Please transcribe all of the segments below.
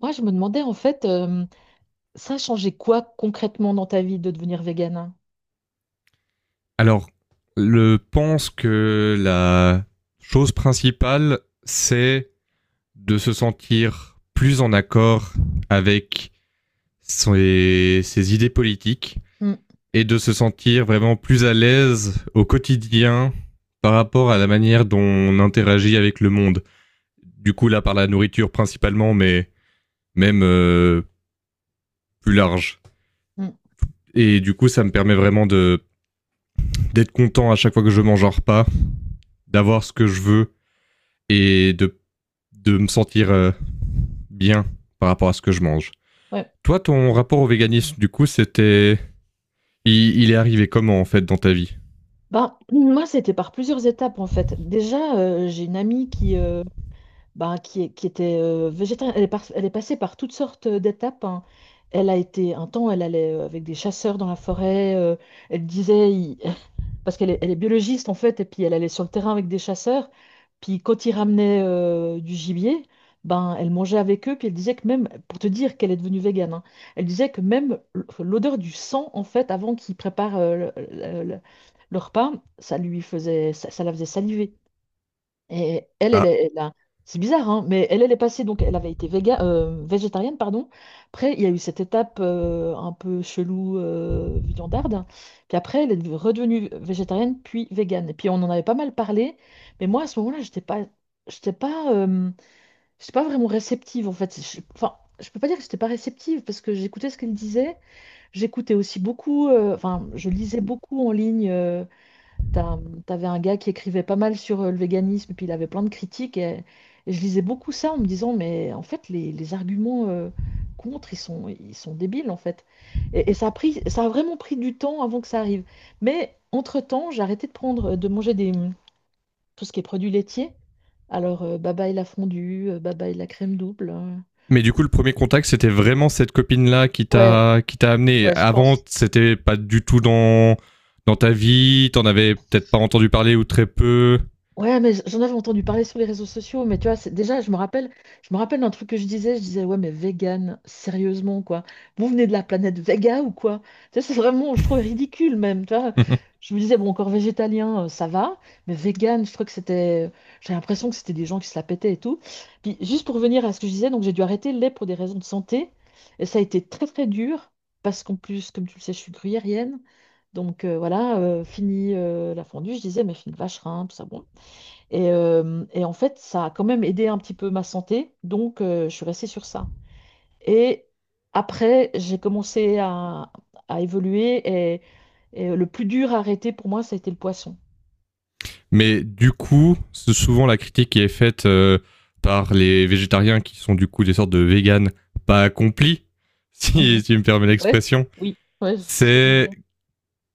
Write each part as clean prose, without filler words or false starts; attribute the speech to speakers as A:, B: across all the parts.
A: Moi, je me demandais en fait, ça a changé quoi concrètement dans ta vie de devenir végane?
B: Alors, je pense que la chose principale, c'est de se sentir plus en accord avec ses idées politiques
A: Hmm.
B: et de se sentir vraiment plus à l'aise au quotidien par rapport à la manière dont on interagit avec le monde. Du coup, là, par la nourriture principalement, mais même plus large.
A: Hmm.
B: Et du coup, ça me permet vraiment de d'être content à chaque fois que je mange un repas, d'avoir ce que je veux et de me sentir bien par rapport à ce que je mange.
A: Ouais.
B: Toi, ton rapport au véganisme, du coup, c'était. Il est arrivé comment, en fait, dans ta vie?
A: Ben, moi, c'était par plusieurs étapes en fait. Déjà, j'ai une amie qui, ben, qui était végétarienne. Elle est, elle est passée par toutes sortes d'étapes, hein. Elle a été un temps, elle allait avec des chasseurs dans la forêt. Elle disait, parce qu'elle est biologiste en fait, et puis elle allait sur le terrain avec des chasseurs, puis quand ils ramenaient du gibier, ben elle mangeait avec eux, puis elle disait que même, pour te dire qu'elle est devenue végane, hein, elle disait que même l'odeur du sang en fait, avant qu'ils préparent le repas, ça la faisait saliver. Et elle, elle,
B: Ah.
A: est- elle a- C'est bizarre, hein, mais elle est passée, donc elle avait été végétarienne, pardon. Après, il y a eu cette étape un peu chelou, viandarde. Puis après, elle est redevenue végétarienne, puis végane. Et puis on en avait pas mal parlé, mais moi, à ce moment-là, j'étais pas, euh, j'étais pas vraiment réceptive, en fait. Enfin, je peux pas dire que j'étais pas réceptive, parce que j'écoutais ce qu'elle disait. J'écoutais aussi beaucoup, enfin, je lisais beaucoup en ligne. T'as- T'avais un gars qui écrivait pas mal sur le véganisme, puis il avait plein de critiques. Et je lisais beaucoup ça en me disant, mais en fait, les arguments contre, ils sont débiles, en fait. Et ça a vraiment pris du temps avant que ça arrive. Mais entre-temps, j'ai arrêté de manger tout ce qui est produits laitiers. Alors, bye bye la fondue, bye bye la crème double.
B: Mais du coup, le premier contact, c'était vraiment cette copine-là qui
A: Ouais,
B: t'a qui t'a amené.
A: ouais, je
B: Avant,
A: pense.
B: c'était pas du tout dans, dans ta vie, t'en avais peut-être pas entendu parler ou très peu.
A: Ouais, mais j'en avais entendu parler sur les réseaux sociaux, mais tu vois, déjà, je me rappelle d'un truc que je disais, ouais, mais vegan, sérieusement, quoi. Vous venez de la planète Vega ou quoi? Tu sais, c'est vraiment, je trouve ridicule même, tu vois. Je me disais, bon, encore végétalien, ça va, mais vegan, je trouve que j'ai l'impression que c'était des gens qui se la pétaient et tout. Puis, juste pour revenir à ce que je disais, donc j'ai dû arrêter le lait pour des raisons de santé, et ça a été très, très dur, parce qu'en plus, comme tu le sais, je suis gruyérienne. Donc voilà, fini la fondue, je disais, mais fini le vacherin, tout ça, bon. Et en fait, ça a quand même aidé un petit peu ma santé, donc je suis restée sur ça. Et après, j'ai commencé à évoluer, et le plus dur à arrêter pour moi, ça a été le poisson.
B: Mais du coup, c'est souvent la critique qui est faite par les végétariens qui sont du coup des sortes de véganes pas accomplis, si
A: Mhm.
B: si tu me permets
A: Ouais,
B: l'expression.
A: oui, ouais, je vois ce que tu veux
B: C'est
A: dire.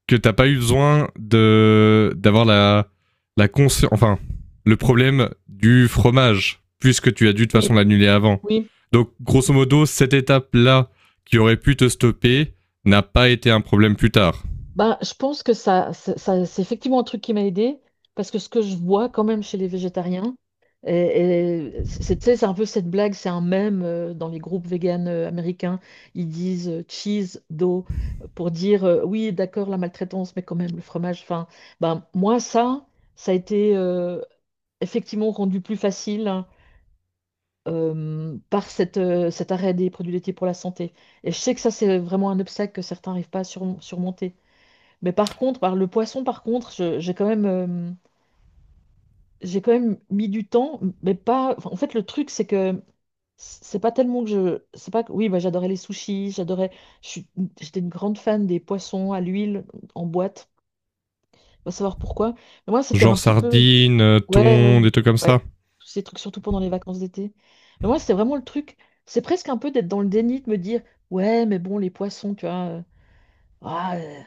B: que t'as pas eu besoin de d'avoir la la consci- enfin le problème du fromage puisque tu as dû de toute
A: Oui,
B: façon l'annuler avant.
A: oui.
B: Donc grosso modo cette étape là qui aurait pu te stopper n'a pas été un problème plus tard.
A: Ben, je pense que c'est effectivement un truc qui m'a aidé, parce que ce que je vois quand même chez les végétariens, et c'est, tu sais, c'est un peu cette blague, c'est un mème dans les groupes véganes américains. Ils disent cheese, do pour dire oui, d'accord, la maltraitance, mais quand même le fromage. Enfin, ben, moi, ça a été effectivement rendu plus facile, hein, par cet arrêt des produits laitiers pour la santé. Et je sais que ça, c'est vraiment un obstacle que certains n'arrivent pas à surmonter. Mais par contre, par le poisson, par contre, j'ai quand même mis du temps, mais pas. Enfin, en fait, le truc, c'est que c'est pas tellement que je, c'est pas. Que- Oui, bah, j'adorais les sushis, j'adorais. je suis- J'étais une grande fan des poissons à l'huile en boîte. On va savoir pourquoi. Mais moi, c'était un
B: Genre
A: petit peu.
B: sardines,
A: Ouais, ouais,
B: thon, des trucs comme ça.
A: ouais. Tous ces trucs, surtout pendant les vacances d'été. Mais moi, c'était vraiment le truc. C'est presque un peu d'être dans le déni, de me dire, ouais, mais bon, les poissons, tu vois. Ah, euh,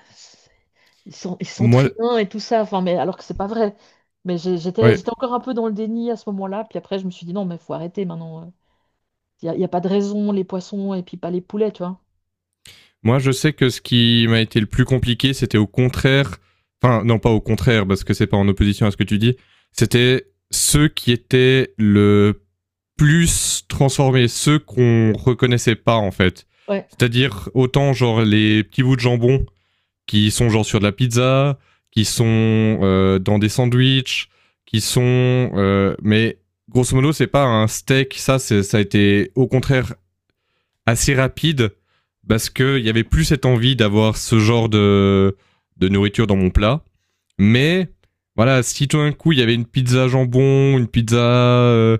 A: ils sont
B: Moi
A: triens et tout ça, enfin, mais alors que c'est pas vrai. Mais j'ai- j'étais,
B: ouais,
A: j'étais encore un peu dans le déni à ce moment-là. Puis après, je me suis dit non, mais faut arrêter maintenant. Il n'y a pas de raison, les poissons et puis pas les poulets, tu vois.
B: moi je sais que ce qui m'a été le plus compliqué c'était au contraire, enfin non pas au contraire parce que c'est pas en opposition à ce que tu dis, c'était ceux qui étaient le plus transformer, ceux qu'on reconnaissait pas en fait.
A: Ouais,
B: C'est-à-dire autant genre les petits bouts de jambon qui sont genre sur de la pizza, qui sont dans des sandwichs, qui sont mais grosso modo c'est pas un steak, ça c'est ça a été au contraire assez rapide parce que il y avait plus cette envie d'avoir ce genre de nourriture dans mon plat, mais voilà, si tout d'un coup il y avait une pizza jambon, une pizza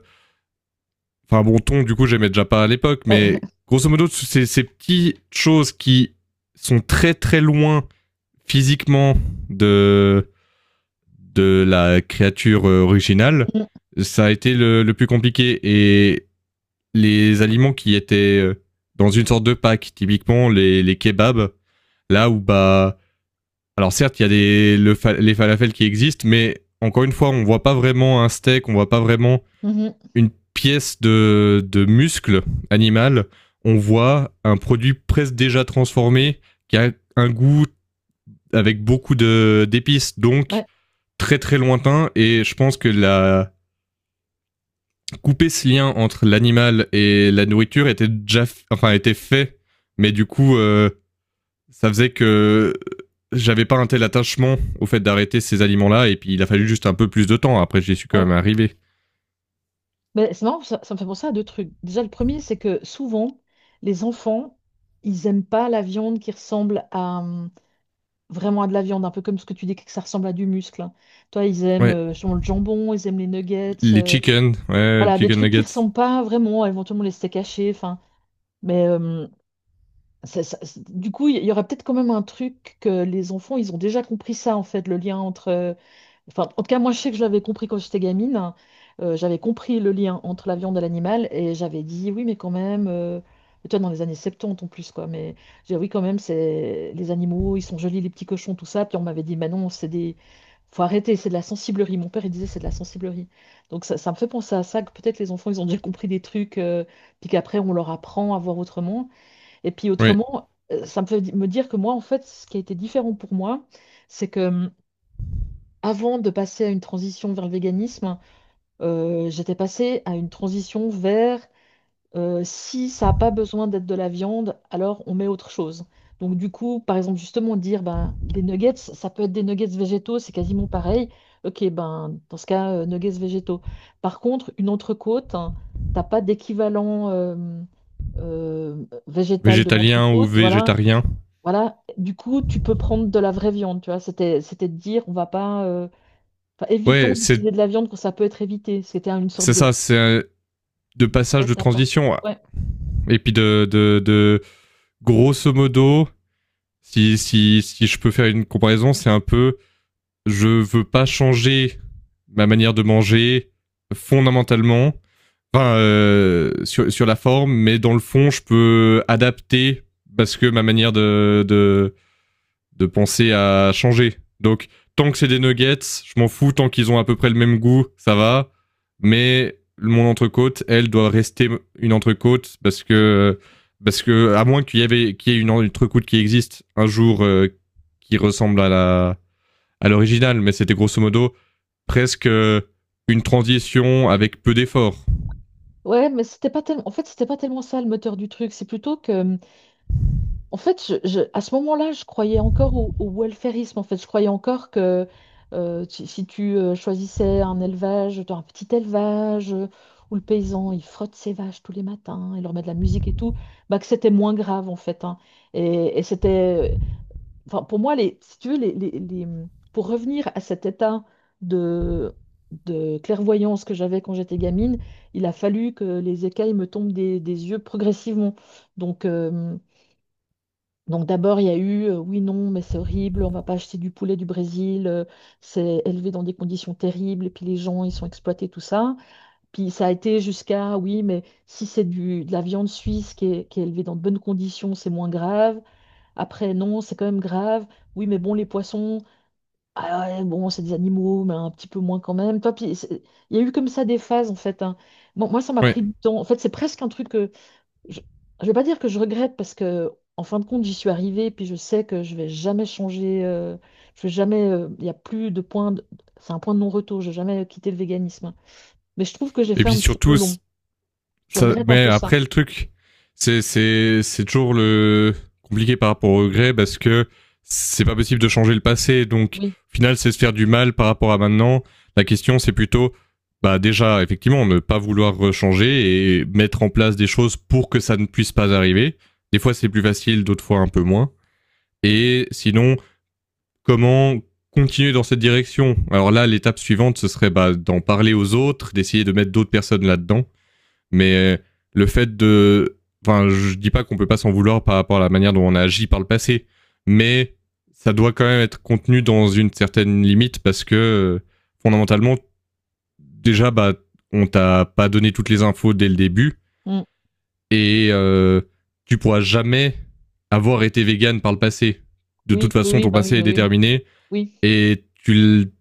B: enfin bon, ton, du coup, j'aimais déjà pas à l'époque, mais
A: ouais.
B: grosso modo, c'est ces petites choses qui sont très très loin physiquement de, de la créature originale,
A: Mhm.
B: ça a été le plus compliqué. Et les aliments qui étaient dans une sorte de pack, typiquement les kebabs, là où bah... Alors certes, il y a les falafels qui existent, mais encore une fois, on voit pas vraiment un steak, on voit pas vraiment
A: Mhm.
B: une pièce de muscle animal, on voit un produit presque déjà transformé qui a un goût avec beaucoup de d'épices, donc
A: Ouais,
B: très très lointain. Et je pense que la couper ce lien entre l'animal et la nourriture était déjà, enfin était fait, mais du coup, ça faisait que j'avais pas un tel attachement au fait d'arrêter ces aliments-là. Et puis il a fallu juste un peu plus de temps. Après, j'y suis quand même
A: ouais.
B: arrivé.
A: Mais c'est marrant, ça me fait penser à deux trucs. Déjà, le premier, c'est que souvent, les enfants, ils aiment pas la viande qui ressemble à vraiment à de la viande, un peu comme ce que tu dis que ça ressemble à du muscle, hein. Toi, ils aiment
B: Ouais,
A: justement le jambon, ils aiment les nuggets.
B: les chicken, ouais,
A: Voilà, des
B: chicken
A: trucs qui
B: nuggets.
A: ressemblent pas vraiment, éventuellement les steaks hachés, enfin, mais du coup, il y aurait peut-être quand même un truc que les enfants, ils ont déjà compris ça en fait, le lien entre, enfin, en tout cas, moi, je sais que je l'avais compris quand j'étais gamine, hein. J'avais compris le lien entre la viande et l'animal et j'avais dit oui, mais quand même. Et toi, dans les années 70 en plus, quoi. Mais j'ai dit oui, quand même, c'est les animaux, ils sont jolis, les petits cochons, tout ça. Puis on m'avait dit, mais non, c'est des. Faut arrêter, c'est de la sensiblerie. Mon père, il disait, c'est de la sensiblerie. Donc ça me fait penser à ça, que peut-être les enfants, ils ont déjà compris des trucs, puis qu'après, on leur apprend à voir autrement. Et puis
B: Ouais,
A: autrement, ça me fait me dire que moi, en fait, ce qui a été différent pour moi, c'est que. Avant de passer à une transition vers le véganisme, j'étais passée à une transition vers, si ça n'a pas besoin d'être de la viande, alors on met autre chose. Donc du coup, par exemple, justement dire ben les nuggets, ça peut être des nuggets végétaux, c'est quasiment pareil. Ok, ben dans ce cas, nuggets végétaux. Par contre, une entrecôte, hein, t'as pas d'équivalent végétal de
B: végétalien ou
A: l'entrecôte, voilà.
B: végétarien.
A: Voilà, du coup, tu peux prendre de la vraie viande, tu vois. C'était de dire, on va pas, enfin,
B: Ouais,
A: évitons
B: c'est
A: d'utiliser de la viande quand ça peut être évité. C'était une sorte
B: c'est
A: de
B: ça, c'est de passage de
A: prêt-à-pain.
B: transition.
A: Ouais.
B: Ouais. Et puis de grosso modo, si je peux faire une comparaison, c'est un peu je veux pas changer ma manière de manger fondamentalement, enfin, sur la forme, mais dans le fond, je peux adapter parce que ma manière de penser à changer. Donc, tant que c'est des nuggets, je m'en fous, tant qu'ils ont à peu près le même goût, ça va. Mais mon entrecôte, elle doit rester une entrecôte parce que à moins qu'il y ait une entrecôte qui existe un jour qui ressemble à la à l'original, mais c'était grosso modo presque une transition avec peu d'efforts.
A: Ouais, mais c'était pas tellement. En fait, c'était pas tellement ça le moteur du truc. C'est plutôt que, en fait, à ce moment-là, je croyais encore au welfarisme. En fait, je croyais encore que si tu choisissais un petit élevage, où le paysan il frotte ses vaches tous les matins, il leur met de la musique et tout, bah que c'était moins grave en fait, hein. Et c'était, enfin, pour moi, si tu veux, pour revenir à cet état de, de clairvoyance que j'avais quand j'étais gamine, il a fallu que les écailles me tombent des yeux progressivement. Donc, euh, donc, d'abord, il y a eu oui, non, mais c'est horrible, on va pas acheter du poulet du Brésil, c'est élevé dans des conditions terribles, et puis les gens, ils sont exploités, tout ça. Puis ça a été jusqu'à oui, mais si c'est de la viande suisse qui est élevée dans de bonnes conditions, c'est moins grave. Après, non, c'est quand même grave. Oui, mais bon, les poissons, ah ouais, bon, c'est des animaux, mais un petit peu moins quand même. Il y a eu comme ça des phases, en fait, hein. Bon, moi, ça m'a
B: Ouais.
A: pris du temps. En fait, c'est presque un truc que je ne vais pas dire que je regrette, parce que, en fin de compte, j'y suis arrivée, puis je sais que je vais jamais changer. Je vais jamais. Il y a plus de point. C'est un point de non-retour. Je vais jamais quitter le véganisme. Mais je trouve que j'ai
B: Et
A: fait
B: puis
A: un petit peu
B: surtout,
A: long. Je
B: ça,
A: regrette un
B: mais
A: peu ça.
B: après, le truc, c'est toujours le compliqué par rapport au regret parce que c'est pas possible de changer le passé. Donc,
A: Oui.
B: au final, c'est se faire du mal par rapport à maintenant. La question, c'est plutôt, bah, déjà, effectivement, ne pas vouloir changer et mettre en place des choses pour que ça ne puisse pas arriver. Des fois, c'est plus facile, d'autres fois, un peu moins. Et sinon, comment continuer dans cette direction? Alors là, l'étape suivante, ce serait bah, d'en parler aux autres, d'essayer de mettre d'autres personnes là-dedans, mais le fait de. Enfin, je dis pas qu'on peut pas s'en vouloir par rapport à la manière dont on a agi par le passé, mais ça doit quand même être contenu dans une certaine limite parce que euh, fondamentalement, déjà, bah, on t'a pas donné toutes les infos dès le début
A: Mm.
B: et tu pourras jamais avoir été vegan par le passé. De toute
A: Oui, oui,
B: façon,
A: oui,
B: ton
A: bah
B: passé
A: oui,
B: est
A: oui,
B: déterminé
A: oui.
B: et tu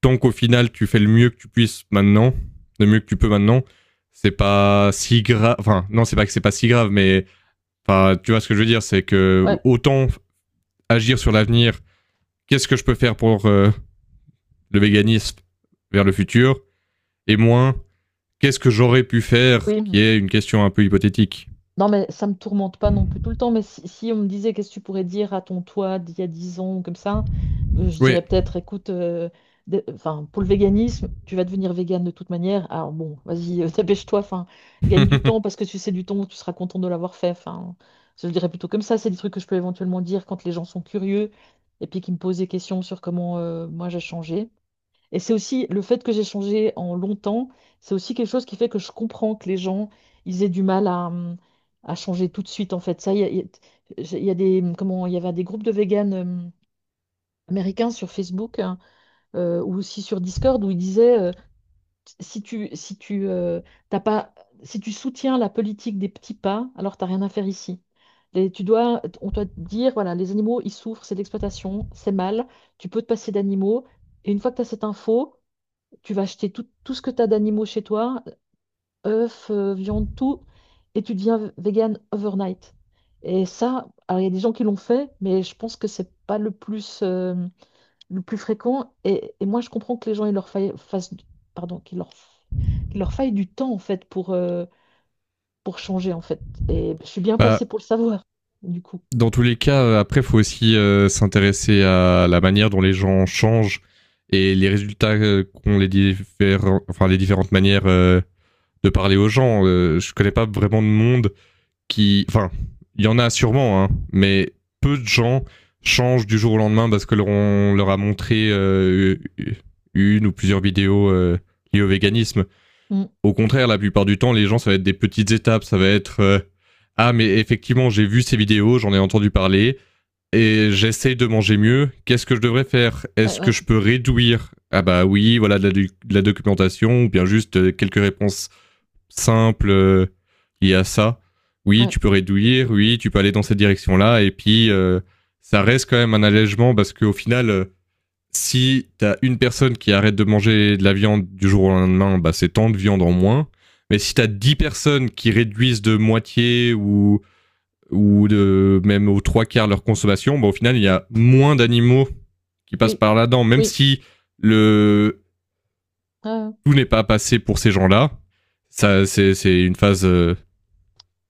B: tant qu'au final tu fais le mieux que tu puisses maintenant, le mieux que tu peux maintenant, c'est pas si grave. Enfin, non, c'est pas que c'est pas si grave, mais enfin, tu vois ce que je veux dire, c'est que
A: Ouais.
B: autant agir sur l'avenir. Qu'est-ce que je peux faire pour le véganisme vers le futur et moins qu'est-ce que j'aurais pu faire,
A: Oui,
B: qui est une question un peu hypothétique.
A: non, mais ça me tourmente pas non plus tout le temps. Mais si, si on me disait qu'est-ce que tu pourrais dire à ton toi d'il y a 10 ans, ou comme ça, je
B: Oui.
A: dirais peut-être, écoute, enfin, pour le véganisme, tu vas devenir végane de toute manière. Alors bon, vas-y, dépêche-toi, enfin, gagne du temps parce que tu sais du temps, tu seras content de l'avoir fait. Enfin, je le dirais plutôt comme ça. C'est des trucs que je peux éventuellement dire quand les gens sont curieux et puis qui me posent des questions sur comment moi j'ai changé. Et c'est aussi le fait que j'ai changé en longtemps, c'est aussi quelque chose qui fait que je comprends que les gens, ils aient du mal à changer tout de suite, en fait. Ça, il y a des, comment, il y avait des groupes de véganes américains sur Facebook, hein, ou aussi sur Discord où ils disaient, si tu, t'as pas, si tu soutiens la politique des petits pas, alors t'as rien à faire ici. Tu dois, on doit te dire, voilà, les animaux, ils souffrent, c'est de l'exploitation, c'est mal, tu peux te passer d'animaux. Et une fois que tu as cette info, tu vas acheter tout, tout ce que tu as d'animaux chez toi, œufs, viande, tout, et tu deviens vegan overnight. Et ça, alors il y a des gens qui l'ont fait, mais je pense que c'est pas le plus, le plus fréquent. Et moi, je comprends que les gens, il leur faille, fassent, du- pardon, qu'il leur faille du temps, en fait, pour changer, en fait. Et je suis bien
B: Bah,
A: placée pour le savoir, du coup.
B: dans tous les cas, après, il faut aussi s'intéresser à la manière dont les gens changent et les résultats qu'ont les différents, enfin les différentes manières de parler aux gens. Je connais pas vraiment de monde qui, enfin, il y en a sûrement, hein, mais peu de gens changent du jour au lendemain parce que leur, on leur a montré une ou plusieurs vidéos liées au véganisme.
A: Mm.
B: Au contraire, la plupart du temps, les gens, ça va être des petites étapes, ça va être ah mais effectivement, j'ai vu ces vidéos, j'en ai entendu parler et j'essaye de manger mieux, qu'est-ce que je devrais faire?
A: Ouais,
B: Est-ce que
A: ouais,
B: je peux réduire? Ah bah oui, voilà de la documentation, ou bien juste quelques réponses simples liées à ça. Oui,
A: ouais.
B: tu peux réduire, oui, tu peux aller dans cette direction-là, et puis ça reste quand même un allègement parce qu'au final, si t'as une personne qui arrête de manger de la viande du jour au lendemain, bah c'est tant de viande en moins. Mais si t'as 10 personnes qui réduisent de moitié ou de même aux trois quarts de leur consommation, bah, au final, il y a moins d'animaux qui passent
A: Oui,
B: par là-dedans, même
A: oui,
B: si le
A: ouais,
B: tout n'est pas passé pour ces gens-là. Ça, c'est une phase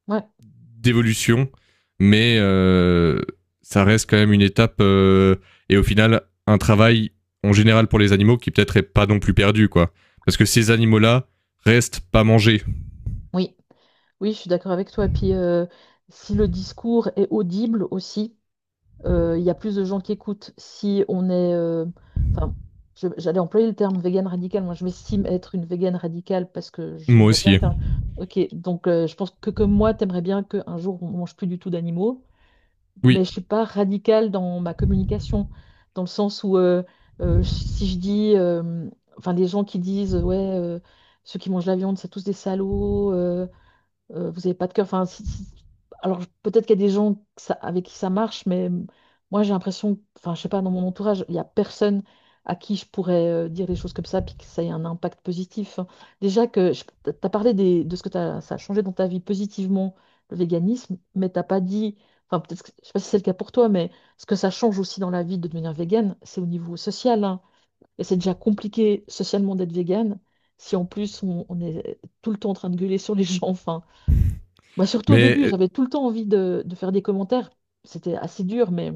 A: ouais, ouais,
B: d'évolution, mais ça reste quand même une étape et au final un travail en général pour les animaux qui peut-être est pas non plus perdu, quoi. Parce que ces animaux-là restent pas mangés.
A: oui. Oui, je suis d'accord avec toi. Puis si le discours est audible aussi, il y a plus de gens qui écoutent. Si on est, enfin, j'allais employer le terme végane radicale. Moi, je m'estime être une végane radicale parce que
B: Moi
A: j'aimerais bien
B: aussi.
A: qu'un. Ok, donc je pense que comme moi, t'aimerais bien qu'un jour on mange plus du tout d'animaux, mais
B: Oui.
A: je suis pas radicale dans ma communication, dans le sens où si je dis, enfin, les gens qui disent, ouais, ceux qui mangent la viande, c'est tous des salauds, vous n'avez pas de cœur. Enfin, alors peut-être qu'il y a des gens que avec qui ça marche, mais moi j'ai l'impression, enfin je sais pas, dans mon entourage, il n'y a personne à qui je pourrais, dire des choses comme ça, puis que ça ait un impact positif. Déjà que tu as parlé de ce que ça a changé dans ta vie positivement, le véganisme, mais t'as pas dit, enfin peut-être, je sais pas si c'est le cas pour toi, mais ce que ça change aussi dans la vie de devenir végane, c'est au niveau social, hein. Et c'est déjà compliqué socialement d'être végane. Si en plus on est tout le temps en train de gueuler sur les gens, enfin, bah, surtout au
B: Mais
A: début, j'avais tout le temps envie de faire des commentaires. C'était assez dur, mais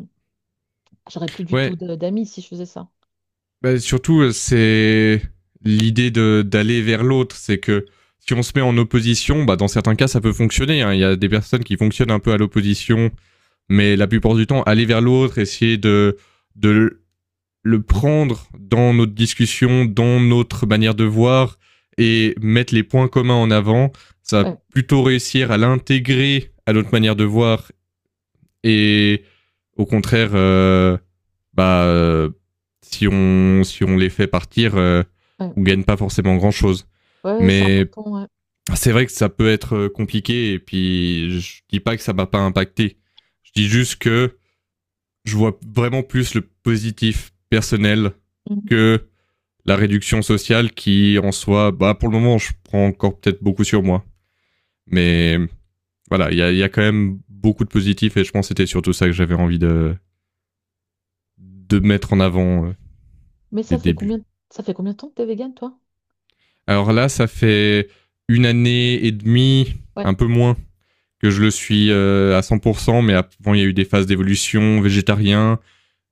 A: j'aurais plus du tout
B: ouais,
A: d'amis si je faisais ça.
B: bah, surtout,
A: Juste titre.
B: c'est l'idée de d'aller vers l'autre, c'est que si on se met en opposition, bah, dans certains cas, ça peut fonctionner, hein. Il y a des personnes qui fonctionnent un peu à l'opposition, mais la plupart du temps, aller vers l'autre, essayer de le prendre dans notre discussion, dans notre manière de voir et mettre les points communs en avant, ça va
A: Ouais,
B: plutôt réussir à l'intégrer à notre manière de voir et au contraire, bah, si on les fait partir,
A: ouais,
B: on gagne pas forcément grand-chose.
A: ouais, c'est
B: Mais
A: important, ouais.
B: c'est vrai que ça peut être compliqué et puis je dis pas que ça m'a pas impacté. Je dis juste que je vois vraiment plus le positif personnel
A: Mhm.
B: que la réduction sociale qui en soi, bah pour le moment je prends encore peut-être beaucoup sur moi. Mais voilà, y a quand même beaucoup de positifs et je pense que c'était surtout ça que j'avais envie de mettre en avant
A: Mais
B: les
A: ça fait
B: débuts.
A: combien, ça fait combien de temps que t'es végane, toi?
B: Alors là, ça fait une année et demie, un
A: Ouais,
B: peu moins, que je le suis à 100%, mais avant, il y a eu des phases d'évolution, végétarien,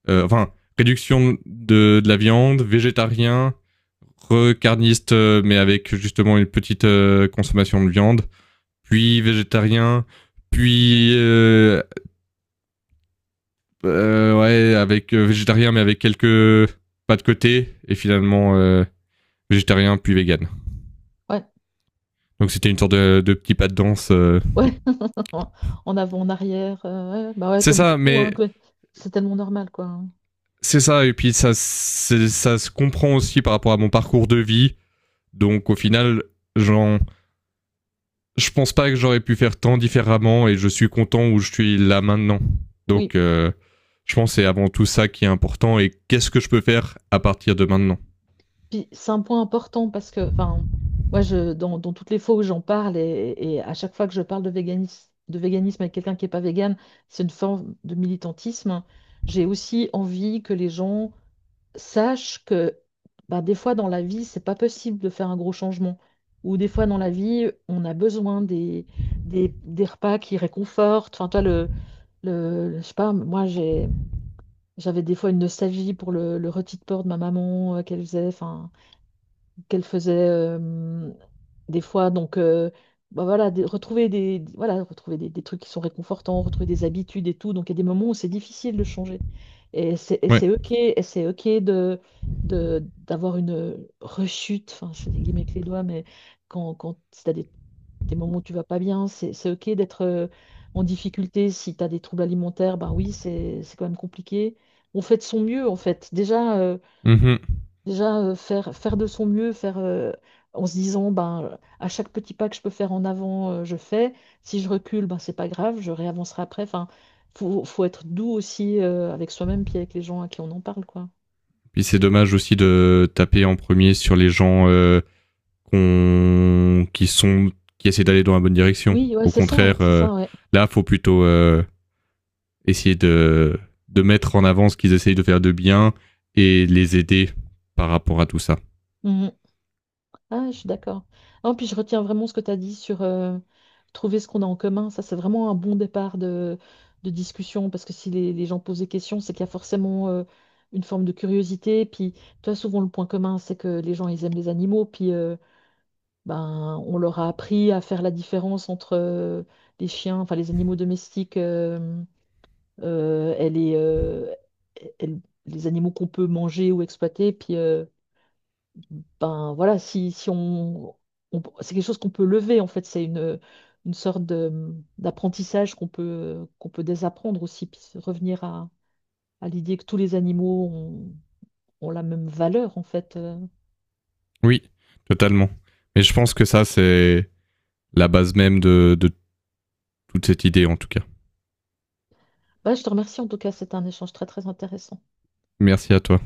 B: enfin, réduction la viande, végétarien, recarniste, mais avec justement une petite consommation de viande, puis végétarien, puis ouais, avec végétarien, mais avec quelques pas de côté, et finalement végétarien, puis vegan.
A: ouais,
B: Donc c'était une sorte de petit pas de danse, euh.
A: ouais. En avant, en arrière, ouais. Bah ouais,
B: C'est
A: comme
B: ça,
A: beaucoup,
B: mais
A: hein, c'est tellement normal, quoi, hein.
B: c'est ça. Et puis ça se comprend aussi par rapport à mon parcours de vie. Donc au final, j'en, je pense pas que j'aurais pu faire tant différemment et je suis content où je suis là maintenant. Donc
A: Oui.
B: je pense que c'est avant tout ça qui est important et qu'est-ce que je peux faire à partir de maintenant.
A: Puis c'est un point important parce que, enfin, moi, dans toutes les fois où j'en parle et à chaque fois que je parle de véganisme avec quelqu'un qui n'est pas végane, c'est une forme de militantisme. J'ai aussi envie que les gens sachent que bah, des fois dans la vie, c'est pas possible de faire un gros changement. Ou des fois dans la vie, on a besoin des repas qui réconfortent. Enfin, toi, le, je sais pas, j'avais des fois une nostalgie pour le rôti de porc de ma maman qu'elle faisait. Enfin, qu'elle faisait des fois. Donc, bah voilà, retrouver des, voilà, retrouver des trucs qui sont réconfortants, retrouver des habitudes et tout. Donc, il y a des moments où c'est difficile de changer.
B: Ouais.
A: Et c'est OK de, d'avoir une rechute, enfin, je fais des guillemets avec les doigts, mais quand si tu as des moments où tu vas pas bien, c'est OK d'être en difficulté. Si tu as des troubles alimentaires, bah oui, c'est quand même compliqué. On fait de son mieux, en fait. Déjà,
B: Mhm.
A: déjà, faire de son mieux, faire, en se disant, ben, à chaque petit pas que je peux faire en avant, je fais. Si je recule, ben, c'est pas grave, je réavancerai après. Enfin, faut être doux aussi, avec soi-même puis avec les gens à qui on en parle, quoi.
B: Puis c'est dommage aussi de taper en premier sur les gens qui sont qui essaient d'aller dans la bonne direction.
A: Oui, ouais,
B: Au contraire,
A: c'est ça,
B: là, faut plutôt essayer de mettre en avant ce qu'ils essayent de faire de bien et les aider par rapport à tout ça.
A: ouais. Ah, je suis d'accord. Non, puis je retiens vraiment ce que tu as dit sur, trouver ce qu'on a en commun. Ça, c'est vraiment un bon départ de discussion parce que si les gens posent des questions, c'est qu'il y a forcément une forme de curiosité. Puis, tu as souvent le point commun, c'est que les gens, ils aiment les animaux. Puis, ben, on leur a appris à faire la différence entre les chiens, enfin les animaux domestiques, et et les animaux qu'on peut manger ou exploiter. Puis, ben voilà, si on, c'est quelque chose qu'on peut lever en fait, c'est une sorte de, d'apprentissage qu'on peut désapprendre aussi, puis se revenir à l'idée que tous les animaux ont la même valeur en fait.
B: Oui, totalement. Et je pense que ça, c'est la base même de toute cette idée, en tout cas.
A: Voilà, je te remercie en tout cas, c'était un échange très très intéressant.
B: Merci à toi.